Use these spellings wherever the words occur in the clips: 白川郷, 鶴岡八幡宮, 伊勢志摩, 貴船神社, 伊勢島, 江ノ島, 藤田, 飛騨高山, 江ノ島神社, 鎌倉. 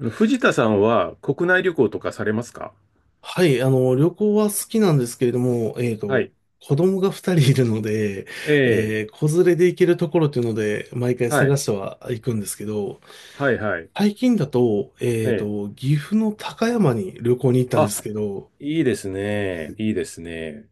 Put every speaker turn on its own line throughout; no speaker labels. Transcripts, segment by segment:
あの、藤田さんは国内旅行とかされますか？
はい、旅行は好きなんですけれども、
はい。
子供が二人いるので、
ええ、
子連れで行けるところっていうので、毎回
は
探
い。
しては行くんですけど、
はい、はい。
最近だと、
ええ。
岐阜の高山に旅行に行ったんで
あ、
すけど、
いいですね。いいですね。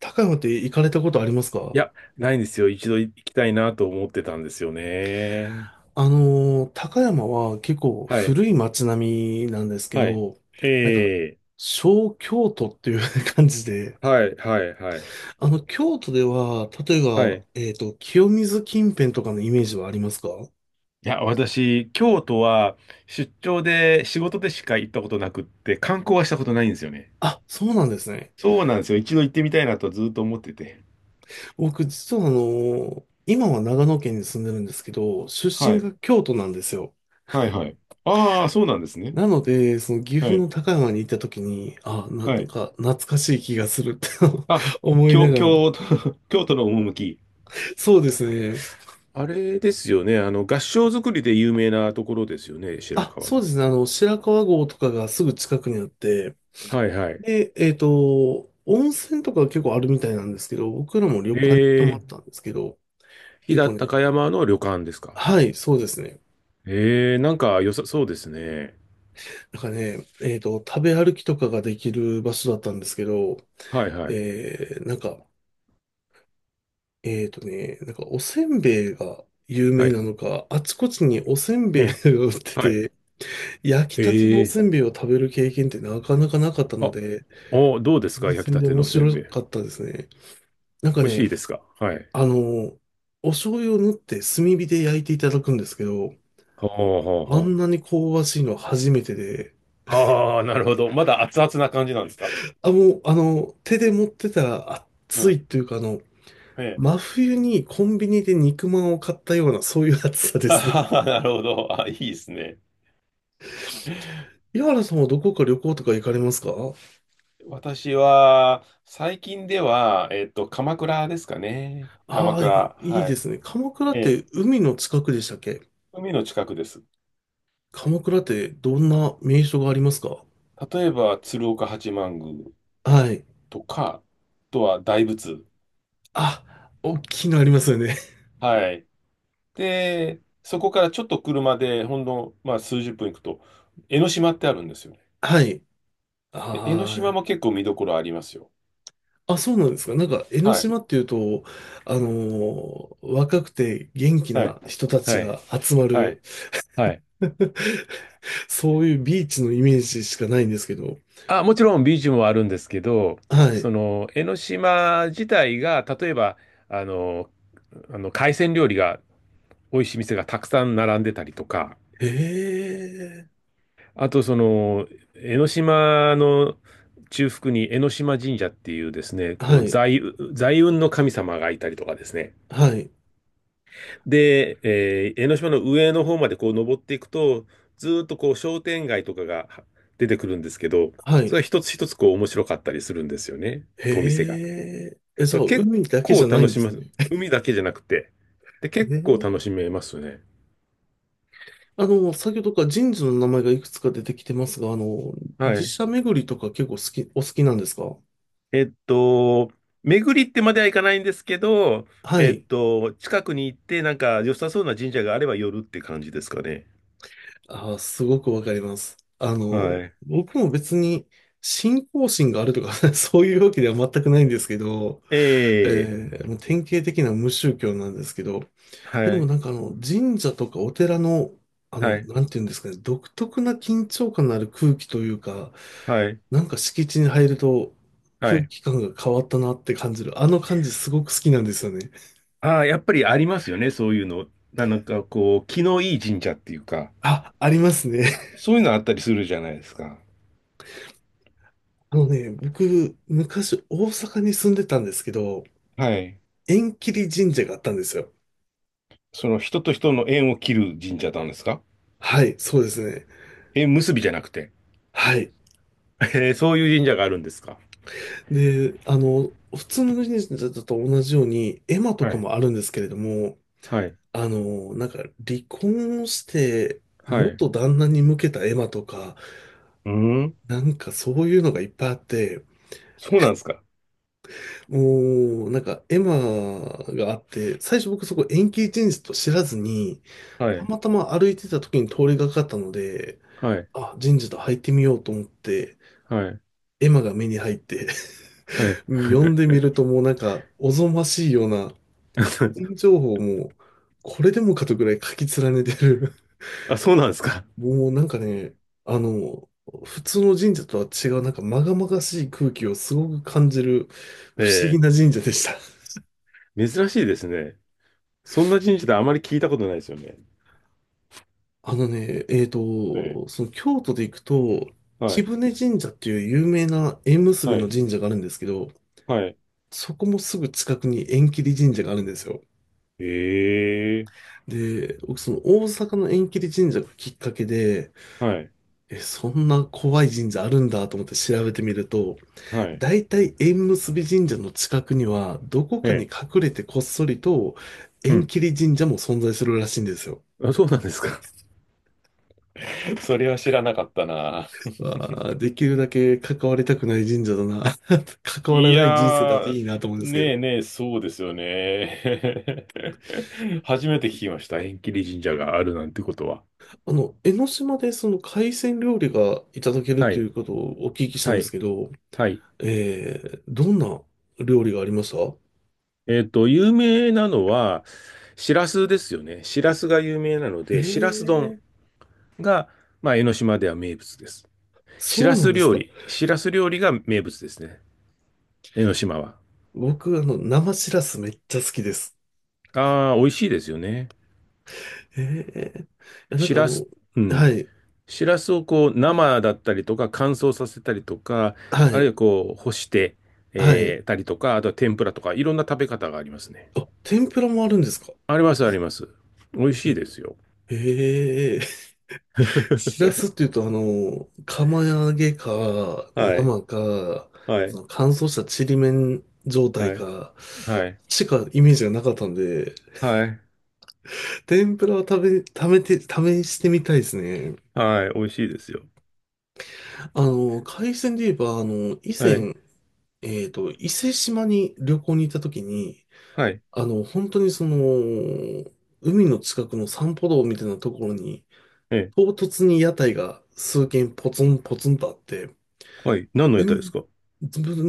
高山って行かれたことありますか？
いや、ないんですよ。一度行きたいなと思ってたんですよね。
高山は結構
はい、
古い街並みなんですけ
はい。
ど、
え
なんか、
え、
小京都っていう 感じで、
はい、はい、はい。
京都では、例え
は
ば、
い。
清水近辺とかのイメージはありますか？
いや、私、京都は出張で仕事でしか行ったことなくって、観光はしたことないんですよね。
あ、そうなんですね。
そうなんですよ。一度行ってみたいなとずっと思ってて。
僕、実は今は長野県に住んでるんですけど、出
は
身
い、
が京都なんですよ。
はい、はい。ああ、そうなんですね。
なので、その岐阜
はい。
の高山に行った時に、あ、なん
はい。
か懐かしい気がするって
あ、
思いながら。
京都、京都の趣。
そうですね。
あれですよね。あの、合掌造りで有名なところですよね、白
あ、
川
そうで
郷。
すね。白川郷とかがすぐ近くにあって、
はいはい。
で、温泉とか結構あるみたいなんですけど、僕らも旅
え
館に泊ま
ー、
ったんですけど、
飛
結
騨
構ね、
高山の旅館ですか？
はい、そうですね。
えー、なんか良さそうですね。
なんかね、食べ歩きとかができる場所だったんですけど、
はいはい。
えー、なんか、おせんべいが有
は
名な
い。
のか、あちこちにおせんべ
う
いが
ん。
売って
はい。
て、焼きたてのお
え
せんべいを食べる経験ってなかなかなかった
ー、
の
あ、
で、
お、どうです
新
か、焼き
鮮
た
で
て
面
のせん
白
べい。
かったですね。なんか
美味し
ね、
いですか？はい。
あの、お醤油を塗って炭火で焼いていただくんですけど、
ほうほう
あ
ほ
ん
う。
なに香ばしいのは初めてで、
ああ、なるほど。まだ熱々な感じなんですか？
あ、もう、手で持ってたら
う
暑
ん。
いというか、
ええ。
真冬にコンビニで肉まんを買ったような、そういう暑さ で
あ
すね。
はは、なるほど。あ、いいですね。
岩原さんはどこか旅行とか行かれますか？
私は、最近では、鎌倉ですかね。
あ
鎌
あー、
倉。
いい
は
で
い。
すね。鎌倉っ
ええ、
て海の近くでしたっけ？
海の近くです。
鎌倉ってどんな名所がありますか？
例えば、鶴岡八幡宮
はい。
とか、あとは大仏。
あ、大きいのありますよね。
はい。で、そこからちょっと車で、ほんの、まあ、数十分行くと、江ノ島ってあるんですよね。
はい。
で、江ノ島
あ
も結構見どころありますよ。
あ、あ、そうなんですか。なんか、江ノ
はい。
島っていうと、若くて元気
はい。
な人たち
は
が
い。
集ま
は
る
い。はい。
そういうビーチのイメージしかないんですけど。
あ、もちろんビーチもあるんですけど、
はい。
その江ノ島自体が、例えば、あの、あの、海鮮料理が美味しい店がたくさん並んでたりとか、
へえ。
あとその江ノ島の中腹に江ノ島神社っていうですね、こ
は
う
い。
財運の神様がいたりとかですね。
はい。
で、えー、江ノ島の上の方までこう登っていくと、ずーっとこう商店街とかが出てくるんですけど、
は
それ
い。
は一つ一つこう面白かったりするんですよね、
へ
お店が。だか
え。え、じゃ
ら
あ、
結
海だけ
構
じゃない
楽
ん
し
で
め
す
ます。
ね。
海だけじゃなくて。で、結
へ
構楽
え。
しめますね。
先ほどから神社の名前がいくつか出てきてますが、
は
寺
い。
社巡りとか結構好き、お好きなんですか？
えっと、巡りってまではいかないんですけど、
はい。
近くに行って、なんか良さそうな神社があれば寄るって感じですかね。
あー、すごくわかります。
はい。
僕も別に信仰心があるとか そういうわけでは全くないんですけど、
ええ、
もう典型的な無宗教なんですけど、で
は
も
い、
なんか神社とかお寺の、
はい、
なんていうんですかね、独特な緊張感のある空気というか、
はい、
なんか敷地に入ると
は
空
い。
気感が変わったなって感じる。あの感じすごく好きなんですよね。
ああ、やっぱりありますよね、そういうの。なんかこう、気のいい神社っていうか、
あ、ありますね。
そういうのあったりするじゃないですか。
僕、昔大阪に住んでたんですけど、
はい。
縁切り神社があったんですよ。
その人と人の縁を切る神社なんですか？
はい、そうですね。
縁結びじゃなくて。
はい。
えー、そういう神社があるんですか。
で、普通の神社と同じように、絵馬と
は
か
い。
もあるんですけれども、
はい。
あの、なんか離婚して
はい。う
元旦那に向けたエマとか、
ーん。
なんかそういうのがいっぱいあって、
そうなんですか。
もうなんかエマがあって、最初僕そこ延期人事と知らずに、
は
た
い。
またま歩いてた時に通りがかったので、
はい。
あ、人事と入ってみようと思って、
はい。
エマが目に入って
はい。
読んでみるともうなんかおぞましいような、個人 情報もこれでもかとぐらい書き連ねてる。
あ、そうなんですか。
もうなんかね、あの、普通の神社とは違う、なんか禍々しい空気をすごく感じる 不思議な
え
神社でした。
え、珍しいですね。そんな神社であまり聞いたことないですよね。
あのね、えっ
ええ、
と、その京都で行くと、
は
貴
い、
船神社っていう有名な縁結び
は
の
い、
神社があるんですけど、
はい。
そこもすぐ近くに縁切り神社があるんですよ。
ええ、
で、僕その大阪の縁切り神社がきっかけで、
はい、
え、そんな怖い神社あるんだと思って調べてみると、
はい。
大体縁結び神社の近くには、どこ
え
かに
え、
隠れてこっそりと
う
縁
ん。
切り神社も存在するらしいんですよ。
あ、そうなんですか。それは知らなかったな。
わあ、できるだけ関わりたくない神社だな。関わら
い
ない人生だと
やー、
いいなと思うんですけど。
ねえねえ、そうですよね。初めて聞きました。縁切り神社があるなんてことは。
江ノ島でその海鮮料理がいただける
は
とい
い、
うことをお聞きしたん
は
です
い、
けど、
はい。
えー、どんな料理がありました？
有名なのは、しらすですよね。しらすが有名なの
え
で、しらす丼
ー、
が、まあ、江ノ島では名物です。
そうなんですか。
しらす料理が名物ですね。江ノ島は。
僕、生しらすめっちゃ好きです。
ああ、美味しいですよね。
えー、いや、なん
し
か
らす、うん。
はい。
シラスをこう生だったりとか乾燥させたりとか、
は
あるい
い。
はこう干して、
はい。
えーたりとか、あとは天ぷらとかいろんな食べ方がありますね。
あ、天ぷらもあるんですか？
ありますあります。美味しい
え、
ですよ。
へえ。しらすって いうと、釜揚げか、
はい、
生か、
は
そ
い、
の乾燥したちりめん状態
はい、
か、
はい。
しかイメージがなかったんで、
はい、
天ぷらは食べて、試してみたいですね。
はい、美味しいですよ。
海鮮で言えば、以
はい、
前、伊勢島に旅行に行った時に、
はい、
本当にその、海の近くの散歩道みたいなところに、
ええ、
唐突に屋台が数軒ポツンポツンとあって、
はい、何の
え
屋台です
ん
か？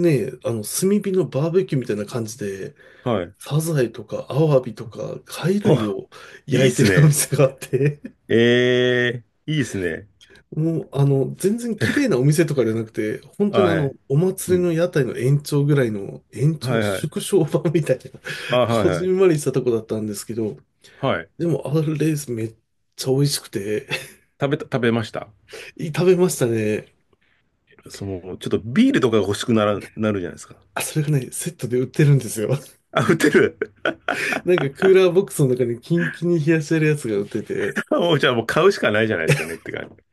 ね、あの、炭火のバーベキューみたいな感じで、
はい。
サザエとかアワビとか貝類
あ、
を
いいっ
焼いて
す
るお
ね。
店があって、
ええ、いいっすね。
もう、全然綺麗なお店とかじゃなくて、本当に
はい、
お
う
祭りの
ん、
屋台の延長ぐらいの、
はい、はい、
縮小版みたいな、
あ、はい、
こ
は
じん
い。
まりしたとこだったんですけど、
はい。
でも、あれレースめっちゃ美味しくて、
食べました？
食べましたね。
その、ちょっとビールとかが欲しくなら、なるじゃないですか。
あ、それがね、セットで売ってるんですよ。
あ、売ってる。
なんかクーラーボックスの中にキンキンに冷やしてるやつが売ってて、
もうじゃあもう買うしかないじゃないですかねって感じ。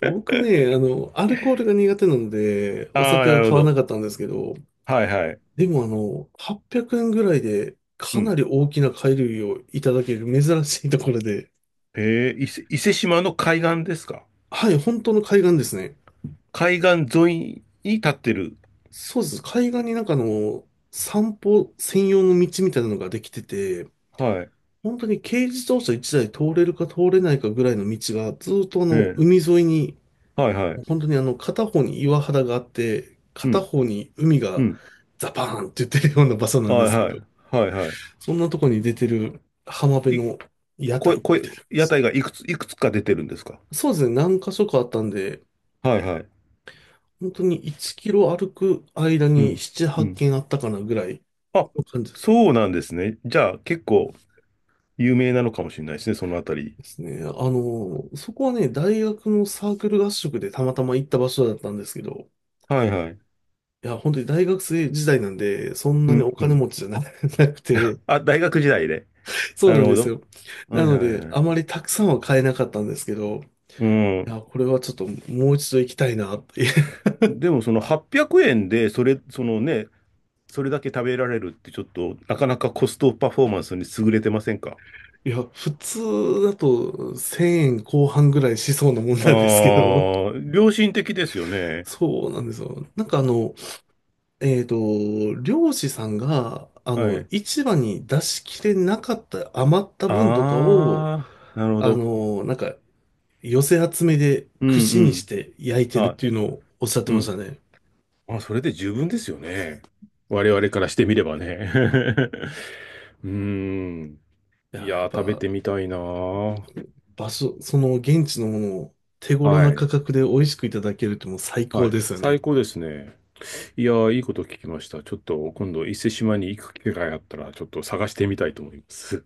僕ね、アルコールが苦手なので、お
ああ、
酒
な
は
るほ
買わな
ど。
かったんですけど、
はいはい。
でも800円ぐらいで
う
かな
ん。
り大きな貝類をいただける珍しいところで、
えー、伊勢島の海岸ですか？
はい、本当の海岸ですね。
海岸沿いに立ってる。
そうです。海岸になんか散歩専用の道みたいなのができてて、
はい。
本当に軽自動車1台通れるか通れないかぐらいの道がずっと
ええ、
海沿いに
はいはい。
本当に片方に岩肌があって、
う
片
ん。
方に海
う
が
ん。
ザパーンって言ってるような場所なんで
はい
すけ
はい。
ど、
はいは
そんなとこに出てる浜辺
い。い、
の屋
こ、
台
こ、
みたいなんで
屋
すね。
台がいくつか出てるんですか？
そうですね、何箇所かあったんで、
はいはい。
本当に1キロ歩く間に
う
7、
ん。
8
うん。
軒あったかなぐらい
あ、
の感じですね。
そうなんですね。じゃあ結構有名なのかもしれないですね、そのあたり。
ですね。そこはね、大学のサークル合宿でたまたま行った場所だったんですけど、
はいはい。
いや、本当に大学生時代なんで、そん
う
なにお
んう
金
ん。
持ちじゃな なくて、
あ、大学時代で。
そ
な
う
る
なん
ほ
です
ど。
よ。
は
な
いは
の
い
で、
は
あ
い。
まりたくさんは買えなかったんですけど、
う
い
ん。
や、これはちょっともう一度行きたいなって。
でもその800円で、そのね、それだけ食べられるってちょっと、なかなかコストパフォーマンスに優れてませんか？
いや、普通だと1000円後半ぐらいしそうなもんなんですけ
ああ
ど、
ー、良心的ですよね。
そうなんですよ。なんかえっと、漁師さんが、
はい。
市場に出しきれなかった余った分とかを、
ああ、なるほ
あ
ど。
の、なんか、寄せ集めで
うん
串
う
にし
ん。
て焼いてるっ
あ、
ていうのをおっしゃって
う
まし
ん。
たね。
あ、それで十分ですよね。我々からしてみればね。うーん。
いや、
い
や
や
っ
ー、食べ
ぱ、
てみたいなー。
場所、その現地のものを手頃
は
な価
い。
格で美味しくいただけるってもう最高
はい。
ですよね。
最高ですね。いやー、いいこと聞きました。ちょっと今度、伊勢志摩に行く機会があったら、ちょっと探してみたいと思います。